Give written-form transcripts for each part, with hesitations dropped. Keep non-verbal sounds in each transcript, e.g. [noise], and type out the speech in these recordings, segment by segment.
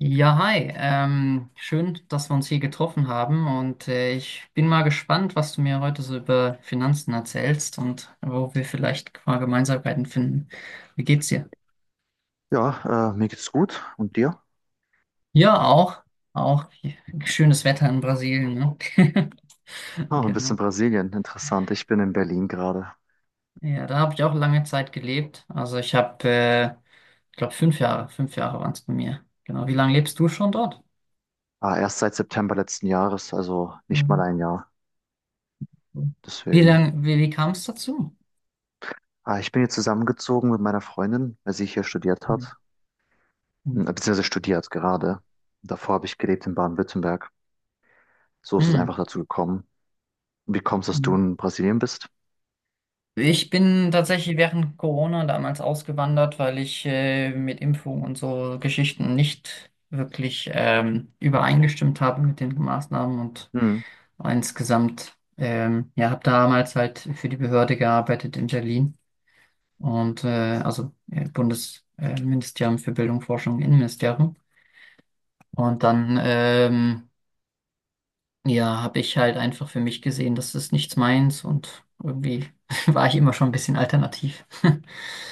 Ja, hi. Schön, dass wir uns hier getroffen haben, und ich bin mal gespannt, was du mir heute so über Finanzen erzählst und wo wir vielleicht mal Gemeinsamkeiten finden. Wie geht's dir? Ja, mir geht's gut. Und dir? Ja, auch. Auch schönes Wetter in Brasilien, ne? [laughs] Ah, ein bisschen Genau. Brasilien. Interessant. Ich bin in Berlin gerade. Ja, da habe ich auch lange Zeit gelebt. Also ich glaube, fünf Jahre waren es bei mir. Genau. Wie lange lebst du schon dort? Ah, erst seit September letzten Jahres, also nicht mal Mhm. ein Jahr. Wie Deswegen. lang, wie, wie kam es dazu? Ah, ich bin hier zusammengezogen mit meiner Freundin, weil sie hier studiert Mhm. hat. Beziehungsweise studiert gerade. Davor habe ich gelebt in Baden-Württemberg. So ist es einfach Mhm. dazu gekommen. Wie kommst du, dass du Mhm. in Brasilien bist? Ich bin tatsächlich während Corona damals ausgewandert, weil ich mit Impfung und so Geschichten nicht wirklich übereingestimmt habe mit den Maßnahmen und Hm. insgesamt, ja, habe damals halt für die Behörde gearbeitet in Berlin und Bundesministerium Ministerium für Bildung, Forschung, Innenministerium. Und dann ja, habe ich halt einfach für mich gesehen, das ist nichts meins, und irgendwie [laughs] war ich immer schon ein bisschen alternativ. [laughs]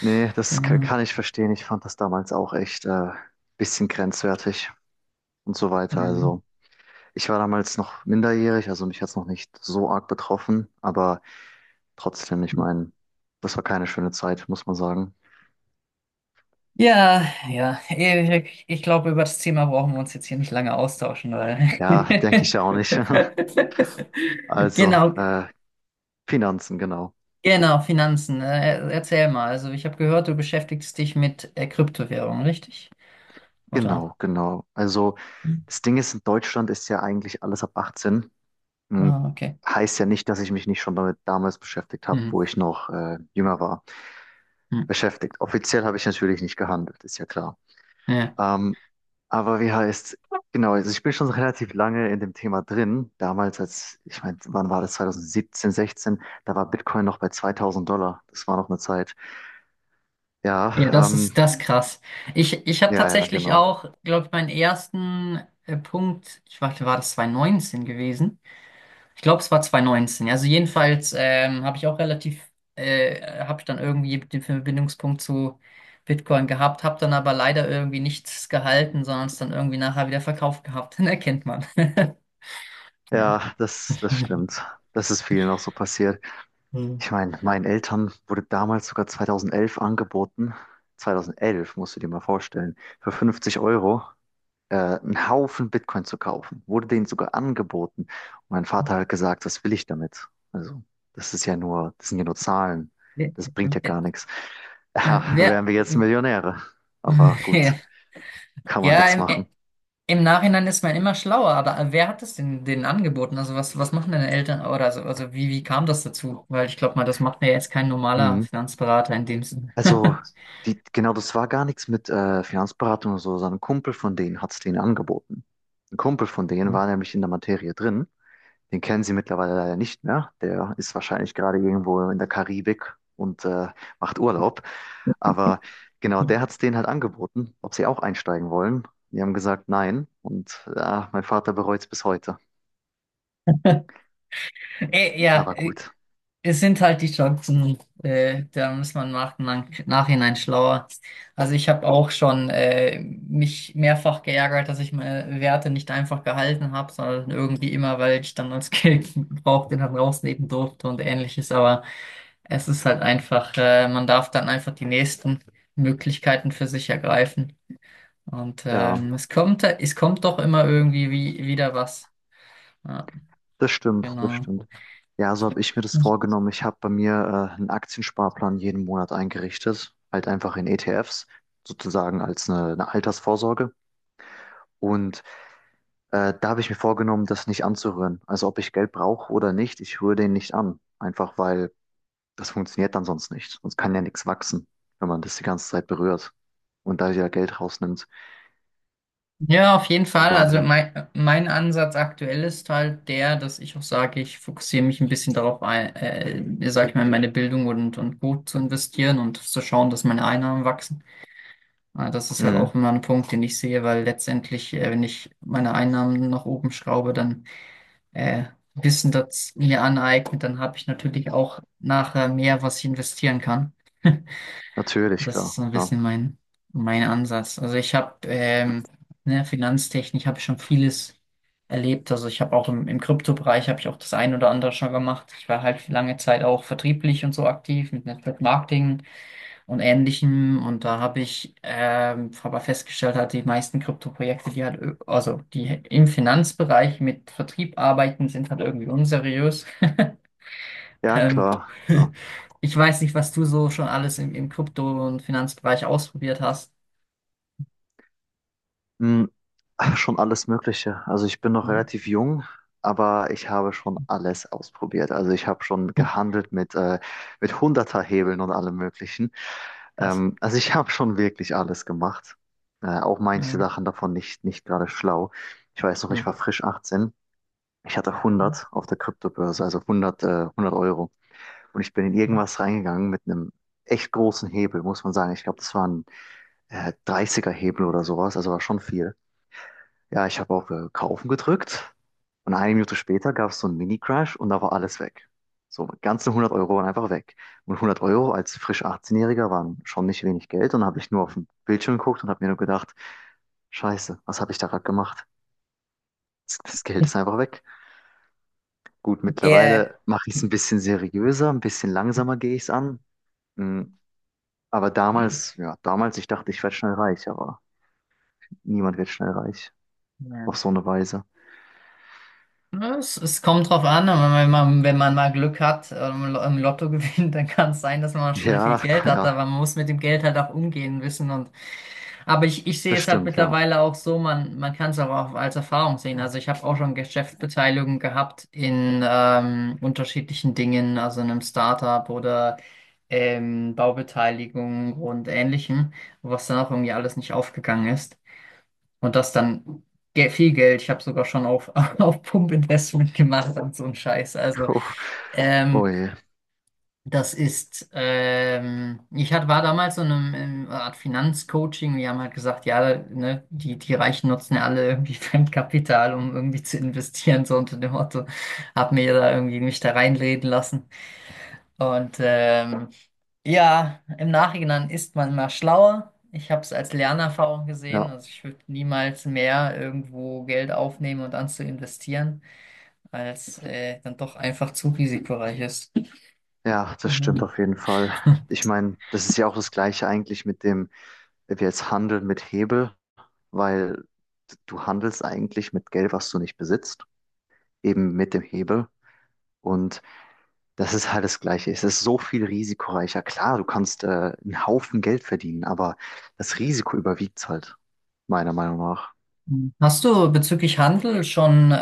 Nee, das Genau. kann ich verstehen. Ich fand das damals auch echt bisschen grenzwertig und so weiter. Ähm. Also. Ich war damals noch minderjährig, also mich hat es noch nicht so arg betroffen, aber trotzdem, ich meine, das war keine schöne Zeit, muss man sagen. Ja, ich glaube, über das Thema brauchen wir uns jetzt hier nicht lange austauschen, weil. Ja, denke ich ja auch nicht. [laughs] [laughs] Also, Genau, Finanzen, genau. genau, Finanzen. Erzähl mal. Also, ich habe gehört, du beschäftigst dich mit Kryptowährungen, richtig? Oder? Genau, genau. Also, Hm. das Ding ist, in Deutschland ist ja eigentlich alles ab 18. Hm, Ah, okay. Heißt ja nicht, dass ich mich nicht schon damit damals beschäftigt habe, Hm. wo ich noch jünger war. Beschäftigt. Offiziell habe ich natürlich nicht gehandelt, ist ja klar. Hm. Ähm, aber wie heißt, genau, also ich bin schon relativ lange in dem Thema drin. Damals, als, ich meine, wann war das? 2017, 16, da war Bitcoin noch bei 2000 Dollar. Das war noch eine Zeit. Ja, Ja, das ähm, ist das ist krass. Ich habe ja, ja, tatsächlich genau. auch, glaube ich, meinen ersten Punkt, ich warte, war das 2019 gewesen? Ich glaube, es war 2019. Also jedenfalls habe ich auch habe ich dann irgendwie den Verbindungspunkt zu Bitcoin gehabt, habe dann aber leider irgendwie nichts gehalten, sondern es dann irgendwie nachher wieder verkauft gehabt. [laughs] Dann erkennt man. [laughs] Ja. Ja, das stimmt. Das ist vielen auch so passiert. Ich meine, meinen Eltern wurde damals sogar 2011 angeboten. 2011, musst du dir mal vorstellen, für 50 Euro einen Haufen Bitcoin zu kaufen. Wurde denen sogar angeboten. Und mein Vater hat gesagt, was will ich damit? Also, das sind ja nur Zahlen. Wer, Das bringt ja gar nichts. [laughs] Ja, wer, wären wir jetzt Millionäre. Aber gut, [laughs] kann man ja, nichts im, machen. Im Nachhinein ist man immer schlauer, aber wer hat es denn denen angeboten? Also was, was machen deine Eltern oder so? Also wie, wie kam das dazu? Weil ich glaube mal, das macht mir jetzt kein normaler Hm. Finanzberater in dem Sinne. Also, [laughs] die, genau, das war gar nichts mit Finanzberatung oder so, sondern ein Kumpel von denen hat es denen angeboten. Ein Kumpel von denen war nämlich in der Materie drin. Den kennen Sie mittlerweile leider nicht mehr. Der ist wahrscheinlich gerade irgendwo in der Karibik und macht Urlaub. Aber genau, der hat es denen halt angeboten, ob sie auch einsteigen wollen. Die haben gesagt, nein. Und ja, mein Vater bereut es bis heute. Äh, ja, Aber äh, gut. es sind halt die Chancen, da muss man nachhinein schlauer. Also ich habe auch schon mich mehrfach geärgert, dass ich meine Werte nicht einfach gehalten habe, sondern irgendwie immer, weil ich dann als Geld [laughs] gebraucht den dann rausnehmen durfte und ähnliches. Aber es ist halt einfach, man darf dann einfach die nächsten Möglichkeiten für sich ergreifen. Und Ja, es kommt doch immer irgendwie wieder was. Ja, das stimmt, das genau. stimmt. Ja, so habe ich mir das vorgenommen. Ich habe bei mir einen Aktiensparplan jeden Monat eingerichtet, halt einfach in ETFs, sozusagen als eine Altersvorsorge. Und da habe ich mir vorgenommen, das nicht anzurühren. Also ob ich Geld brauche oder nicht, ich rühre den nicht an. Einfach weil das funktioniert dann sonst nicht. Sonst kann ja nichts wachsen, wenn man das die ganze Zeit berührt und da ja Geld rausnimmt. Ja, auf jeden Von Fall. Also daher. mein Ansatz aktuell ist halt der, dass ich auch sage, ich fokussiere mich ein bisschen darauf, sag ich mal, in meine Bildung und gut zu investieren und zu schauen, dass meine Einnahmen wachsen. Das ist halt auch Mhm. immer ein Punkt, den ich sehe, weil letztendlich, wenn ich meine Einnahmen nach oben schraube, dann äh, Wissen das mir aneignet, dann habe ich natürlich auch nachher mehr, was ich investieren kann. [laughs] Natürlich, Das ist klar, so ein klar. bisschen mein Ansatz. Also ich habe ne, Finanztechnik habe ich schon vieles erlebt. Also ich habe auch im Kryptobereich habe ich auch das ein oder andere schon gemacht. Ich war halt für lange Zeit auch vertrieblich und so aktiv mit Network Marketing und Ähnlichem. Und da habe ich aber festgestellt, halt die meisten Krypto-Projekte, also die im Finanzbereich mit Vertrieb arbeiten, sind halt irgendwie unseriös. Ja, Ähm, klar, [laughs] klar. ich weiß nicht, was du so schon alles im Krypto- und Finanzbereich ausprobiert hast. Mhm. Schon alles Mögliche. Also ich bin noch Mhm. relativ jung, aber ich habe schon alles ausprobiert. Also ich habe schon Hm. gehandelt mit Hunderterhebeln und allem Möglichen. Krass. Also ich [laughs] habe schon wirklich alles gemacht. Auch manche Ja. Sachen davon nicht gerade schlau. Ich weiß noch, ich Hm. war frisch 18. Ich hatte Hm. 100 auf der Kryptobörse, also 100, 100 Euro. Und ich bin in Hm. irgendwas reingegangen mit einem echt großen Hebel, muss man sagen. Ich glaube, das war ein 30er Hebel oder sowas, also war schon viel. Ja, ich habe auf Kaufen gedrückt und eine Minute später gab es so einen Mini-Crash und da war alles weg. So, ganze 100 Euro waren einfach weg. Und 100 Euro als frisch 18-Jähriger waren schon nicht wenig Geld und habe ich nur auf den Bildschirm geguckt und habe mir nur gedacht, Scheiße, was habe ich da gerade gemacht? Das Geld ist einfach weg. Gut, Ja. mittlerweile mache ich es ein Hm. bisschen seriöser, ein bisschen langsamer gehe ich es an. Mm, aber Hm. damals, ja, damals, ich dachte, ich werde schnell reich, aber niemand wird schnell reich Ja. auf so eine Weise. Ja, es kommt drauf an, aber wenn man, wenn man mal Glück hat im Lotto [laughs] gewinnt, dann kann es sein, dass man schnell viel Ja, [laughs] Geld hat, ja, aber man muss mit dem Geld halt auch umgehen wissen, und aber ich sehe das es halt stimmt, ja. mittlerweile auch so, man kann es auch als Erfahrung sehen. Also ich habe auch schon Geschäftsbeteiligung gehabt in unterschiedlichen Dingen, also in einem Startup oder Baubeteiligung und Ähnlichem, was dann auch irgendwie alles nicht aufgegangen ist. Und das dann viel Geld. Ich habe sogar schon auf, [laughs] auf Pump-Investment gemacht und so ein Scheiß. Also, [laughs] Oh ähm, je. das ist, ich hat, war damals so in einem, in einer Art Finanzcoaching. Die haben halt gesagt, ja, ne, die Reichen nutzen ja alle irgendwie [laughs] Fremdkapital, um irgendwie zu investieren, so unter dem Motto. Hab mir da irgendwie mich da reinreden lassen. Und ja, im Nachhinein ist man mal schlauer. Ich habe es als Lernerfahrung gesehen. Ja, Also ich würde niemals mehr irgendwo Geld aufnehmen und dann zu investieren, weil es dann doch einfach zu risikoreich ist. ja, das stimmt Mhm. auf jeden Fall. Ich meine, das ist ja auch das Gleiche eigentlich mit dem, wenn wir jetzt handeln mit Hebel, weil du handelst eigentlich mit Geld, was du nicht besitzt, eben mit dem Hebel. Und das ist halt das Gleiche. Es ist so viel risikoreicher. Klar, du kannst einen Haufen Geld verdienen, aber das Risiko überwiegt halt, meiner Meinung nach. Hast du bezüglich Handel schon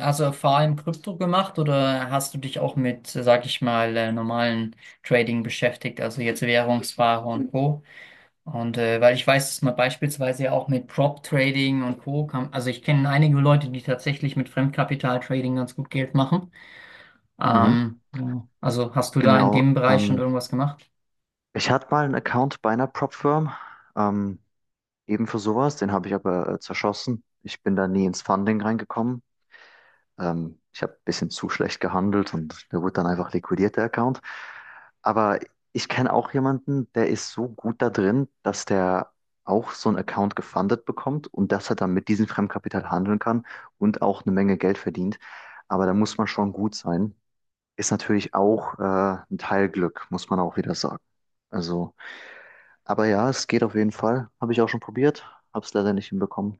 also vor allem Krypto gemacht, oder hast du dich auch mit, sag ich mal, normalen Trading beschäftigt, also jetzt Währungsware und Co.? Und weil ich weiß, dass man beispielsweise ja auch mit Prop Trading und Co. kann, also ich kenne einige Leute, die tatsächlich mit Fremdkapital Trading ganz gut Geld machen. Mhm. Ja. Also hast du da in Genau. dem Bereich schon irgendwas gemacht? Ich hatte mal einen Account bei einer Prop-Firm. Ähm, Eben für sowas, den habe ich aber zerschossen. Ich bin da nie ins Funding reingekommen. Ich habe ein bisschen zu schlecht gehandelt und der wurde dann einfach liquidiert, der Account. Aber ich kenne auch jemanden, der ist so gut da drin, dass der auch so einen Account gefundet bekommt und dass er dann mit diesem Fremdkapital handeln kann und auch eine Menge Geld verdient. Aber da muss man schon gut sein. Ist natürlich auch ein Teil Glück, muss man auch wieder sagen. Also, aber ja, es geht auf jeden Fall. Habe ich auch schon probiert, habe es leider nicht hinbekommen.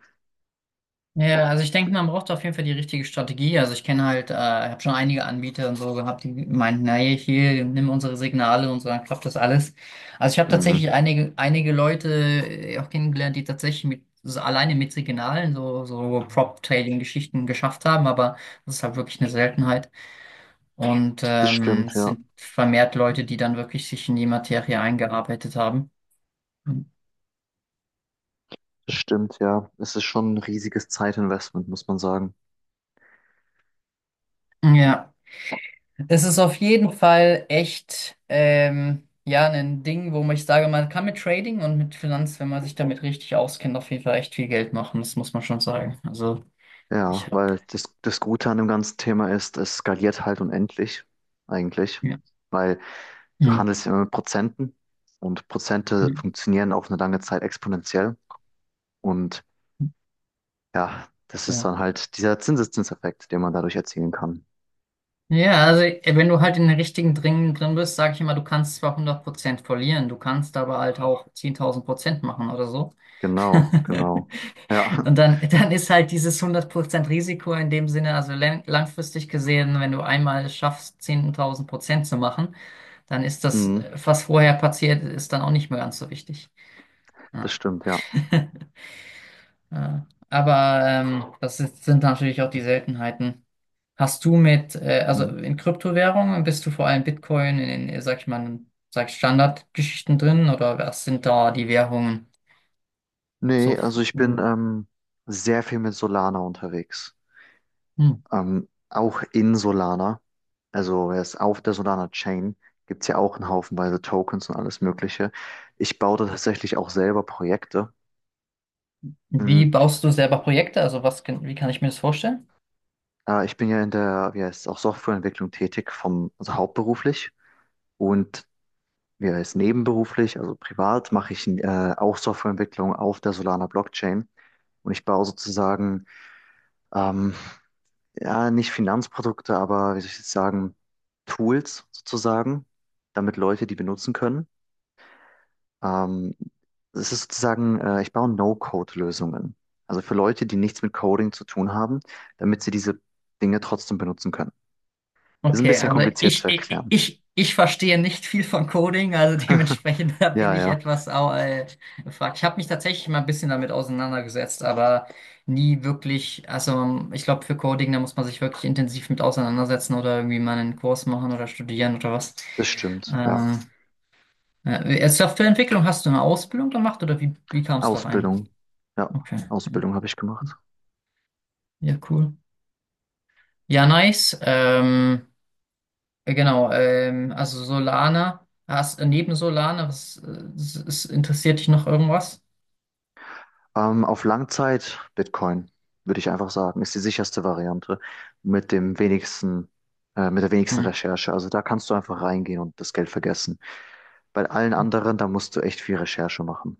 Ja, also ich denke, man braucht auf jeden Fall die richtige Strategie. Also ich kenne halt, habe schon einige Anbieter und so gehabt, die meinten, naja, hier, nimm unsere Signale, und unsere klappt das alles. Also ich habe Mhm. tatsächlich einige Leute auch kennengelernt, die tatsächlich mit, so alleine mit Signalen so Prop-Trading-Geschichten geschafft haben, aber das ist halt wirklich eine Seltenheit. Und Das stimmt, es ja. sind vermehrt Leute, die dann wirklich sich in die Materie eingearbeitet haben. Das stimmt, ja. Es ist schon ein riesiges Zeitinvestment, muss man sagen. Ja. Es ist auf jeden Fall echt ja ein Ding, wo man— ich sage, man kann mit Trading und mit Finanz, wenn man sich damit richtig auskennt, auf jeden Fall echt viel Geld machen. Das muss man schon sagen. Also ich Ja, habe weil das Gute an dem ganzen Thema ist, es skaliert halt unendlich, eigentlich. ja. Weil du Hm, handelst immer mit Prozenten und Prozente hm, funktionieren auf eine lange Zeit exponentiell. Und hm, ja, das ist ja. dann halt dieser Zinseszinseffekt, den man dadurch erzielen kann. Ja, also wenn du halt in den richtigen Dingen drin bist, sage ich immer, du kannst zwar hundert Prozent verlieren, du kannst aber halt auch 10.000% machen oder so. [laughs] Genau, genau. Ja, Und dann ist halt dieses 100% Risiko in dem Sinne, also langfristig gesehen, wenn du einmal es schaffst, 10.000 Prozent zu machen, dann ist [laughs] das, mhm. was vorher passiert, ist dann auch nicht mehr ganz so wichtig. Das Ja. stimmt, ja. [laughs] Ja. Aber das ist, sind natürlich auch die Seltenheiten. Hast du mit, also Mhm. in Kryptowährungen bist du vor allem Bitcoin in den, sag ich mal, sag ich Standardgeschichten drin, oder was sind da die Währungen Nee, so? also ich bin Hm. Sehr viel mit Solana unterwegs. Auch in Solana, also erst auf der Solana Chain, gibt es ja auch einen Haufenweise Tokens und alles Mögliche. Ich baue da tatsächlich auch selber Projekte. Wie Mhm. baust du selber Projekte? Also was, wie kann ich mir das vorstellen? Ich bin ja in der, wie heißt es, auch Softwareentwicklung tätig, vom, also hauptberuflich und wie heißt es, nebenberuflich, also privat, mache ich auch Softwareentwicklung auf der Solana Blockchain. Und ich baue sozusagen, ähm, ja, nicht Finanzprodukte, aber wie soll ich jetzt sagen, Tools sozusagen, damit Leute die benutzen können. Ähm, es ist sozusagen, ich baue No-Code-Lösungen. Also für Leute, die nichts mit Coding zu tun haben, damit sie diese Dinge trotzdem benutzen können. Ist ein Okay, bisschen also kompliziert ich, zu ich, erklären. ich, ich verstehe nicht viel von Coding, also [laughs] [laughs] dementsprechend da bin Ja, ich ja, etwas gefragt. Ich habe mich tatsächlich mal ein bisschen damit auseinandergesetzt, aber nie wirklich, also ich glaube für Coding, da muss man sich wirklich intensiv mit auseinandersetzen oder irgendwie mal einen Kurs machen oder studieren oder was. das stimmt. Ja. Ähm, Softwareentwicklung hast du eine Ausbildung gemacht, oder wie, wie kam es da rein? Ausbildung. Ja, Okay, Ausbildung habe ich gemacht. ja, cool. Ja, nice. Genau, also Solana, hast, neben Solana, was, interessiert dich noch irgendwas? Auf Langzeit Bitcoin, würde ich einfach sagen, ist die sicherste Variante mit dem wenigsten, mit der wenigsten Hm. Recherche. Also da kannst du einfach reingehen und das Geld vergessen. Bei allen anderen, da musst du echt viel Recherche machen,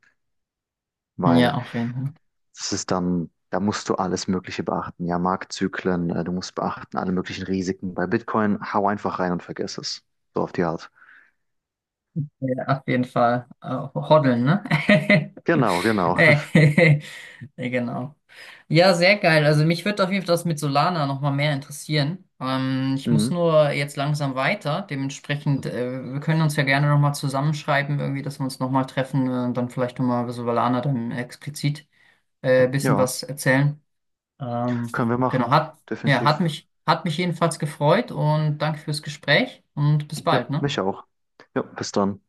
Ja, weil auf jeden Fall. das ist dann, da musst du alles Mögliche beachten. Ja, Marktzyklen, du musst beachten alle möglichen Risiken. Bei Bitcoin, hau einfach rein und vergiss es. So auf die Art. Ja, auf jeden Fall. Hoddeln, ne? Genau, [laughs] genau. Äh, [laughs] [laughs] ja, genau. Ja, sehr geil. Also mich würde auf jeden Fall das mit Solana nochmal mehr interessieren. Ich muss Mhm. nur jetzt langsam weiter. Dementsprechend, wir können uns ja gerne nochmal zusammenschreiben, irgendwie, dass wir uns nochmal treffen und dann vielleicht nochmal über Solana dann explizit ein bisschen Ja, was erzählen. Ähm, können wir genau, machen. hat, ja, Definitiv. Hat mich jedenfalls gefreut, und danke fürs Gespräch, und bis Ja, bald, ne? mich auch. Ja, bis dann.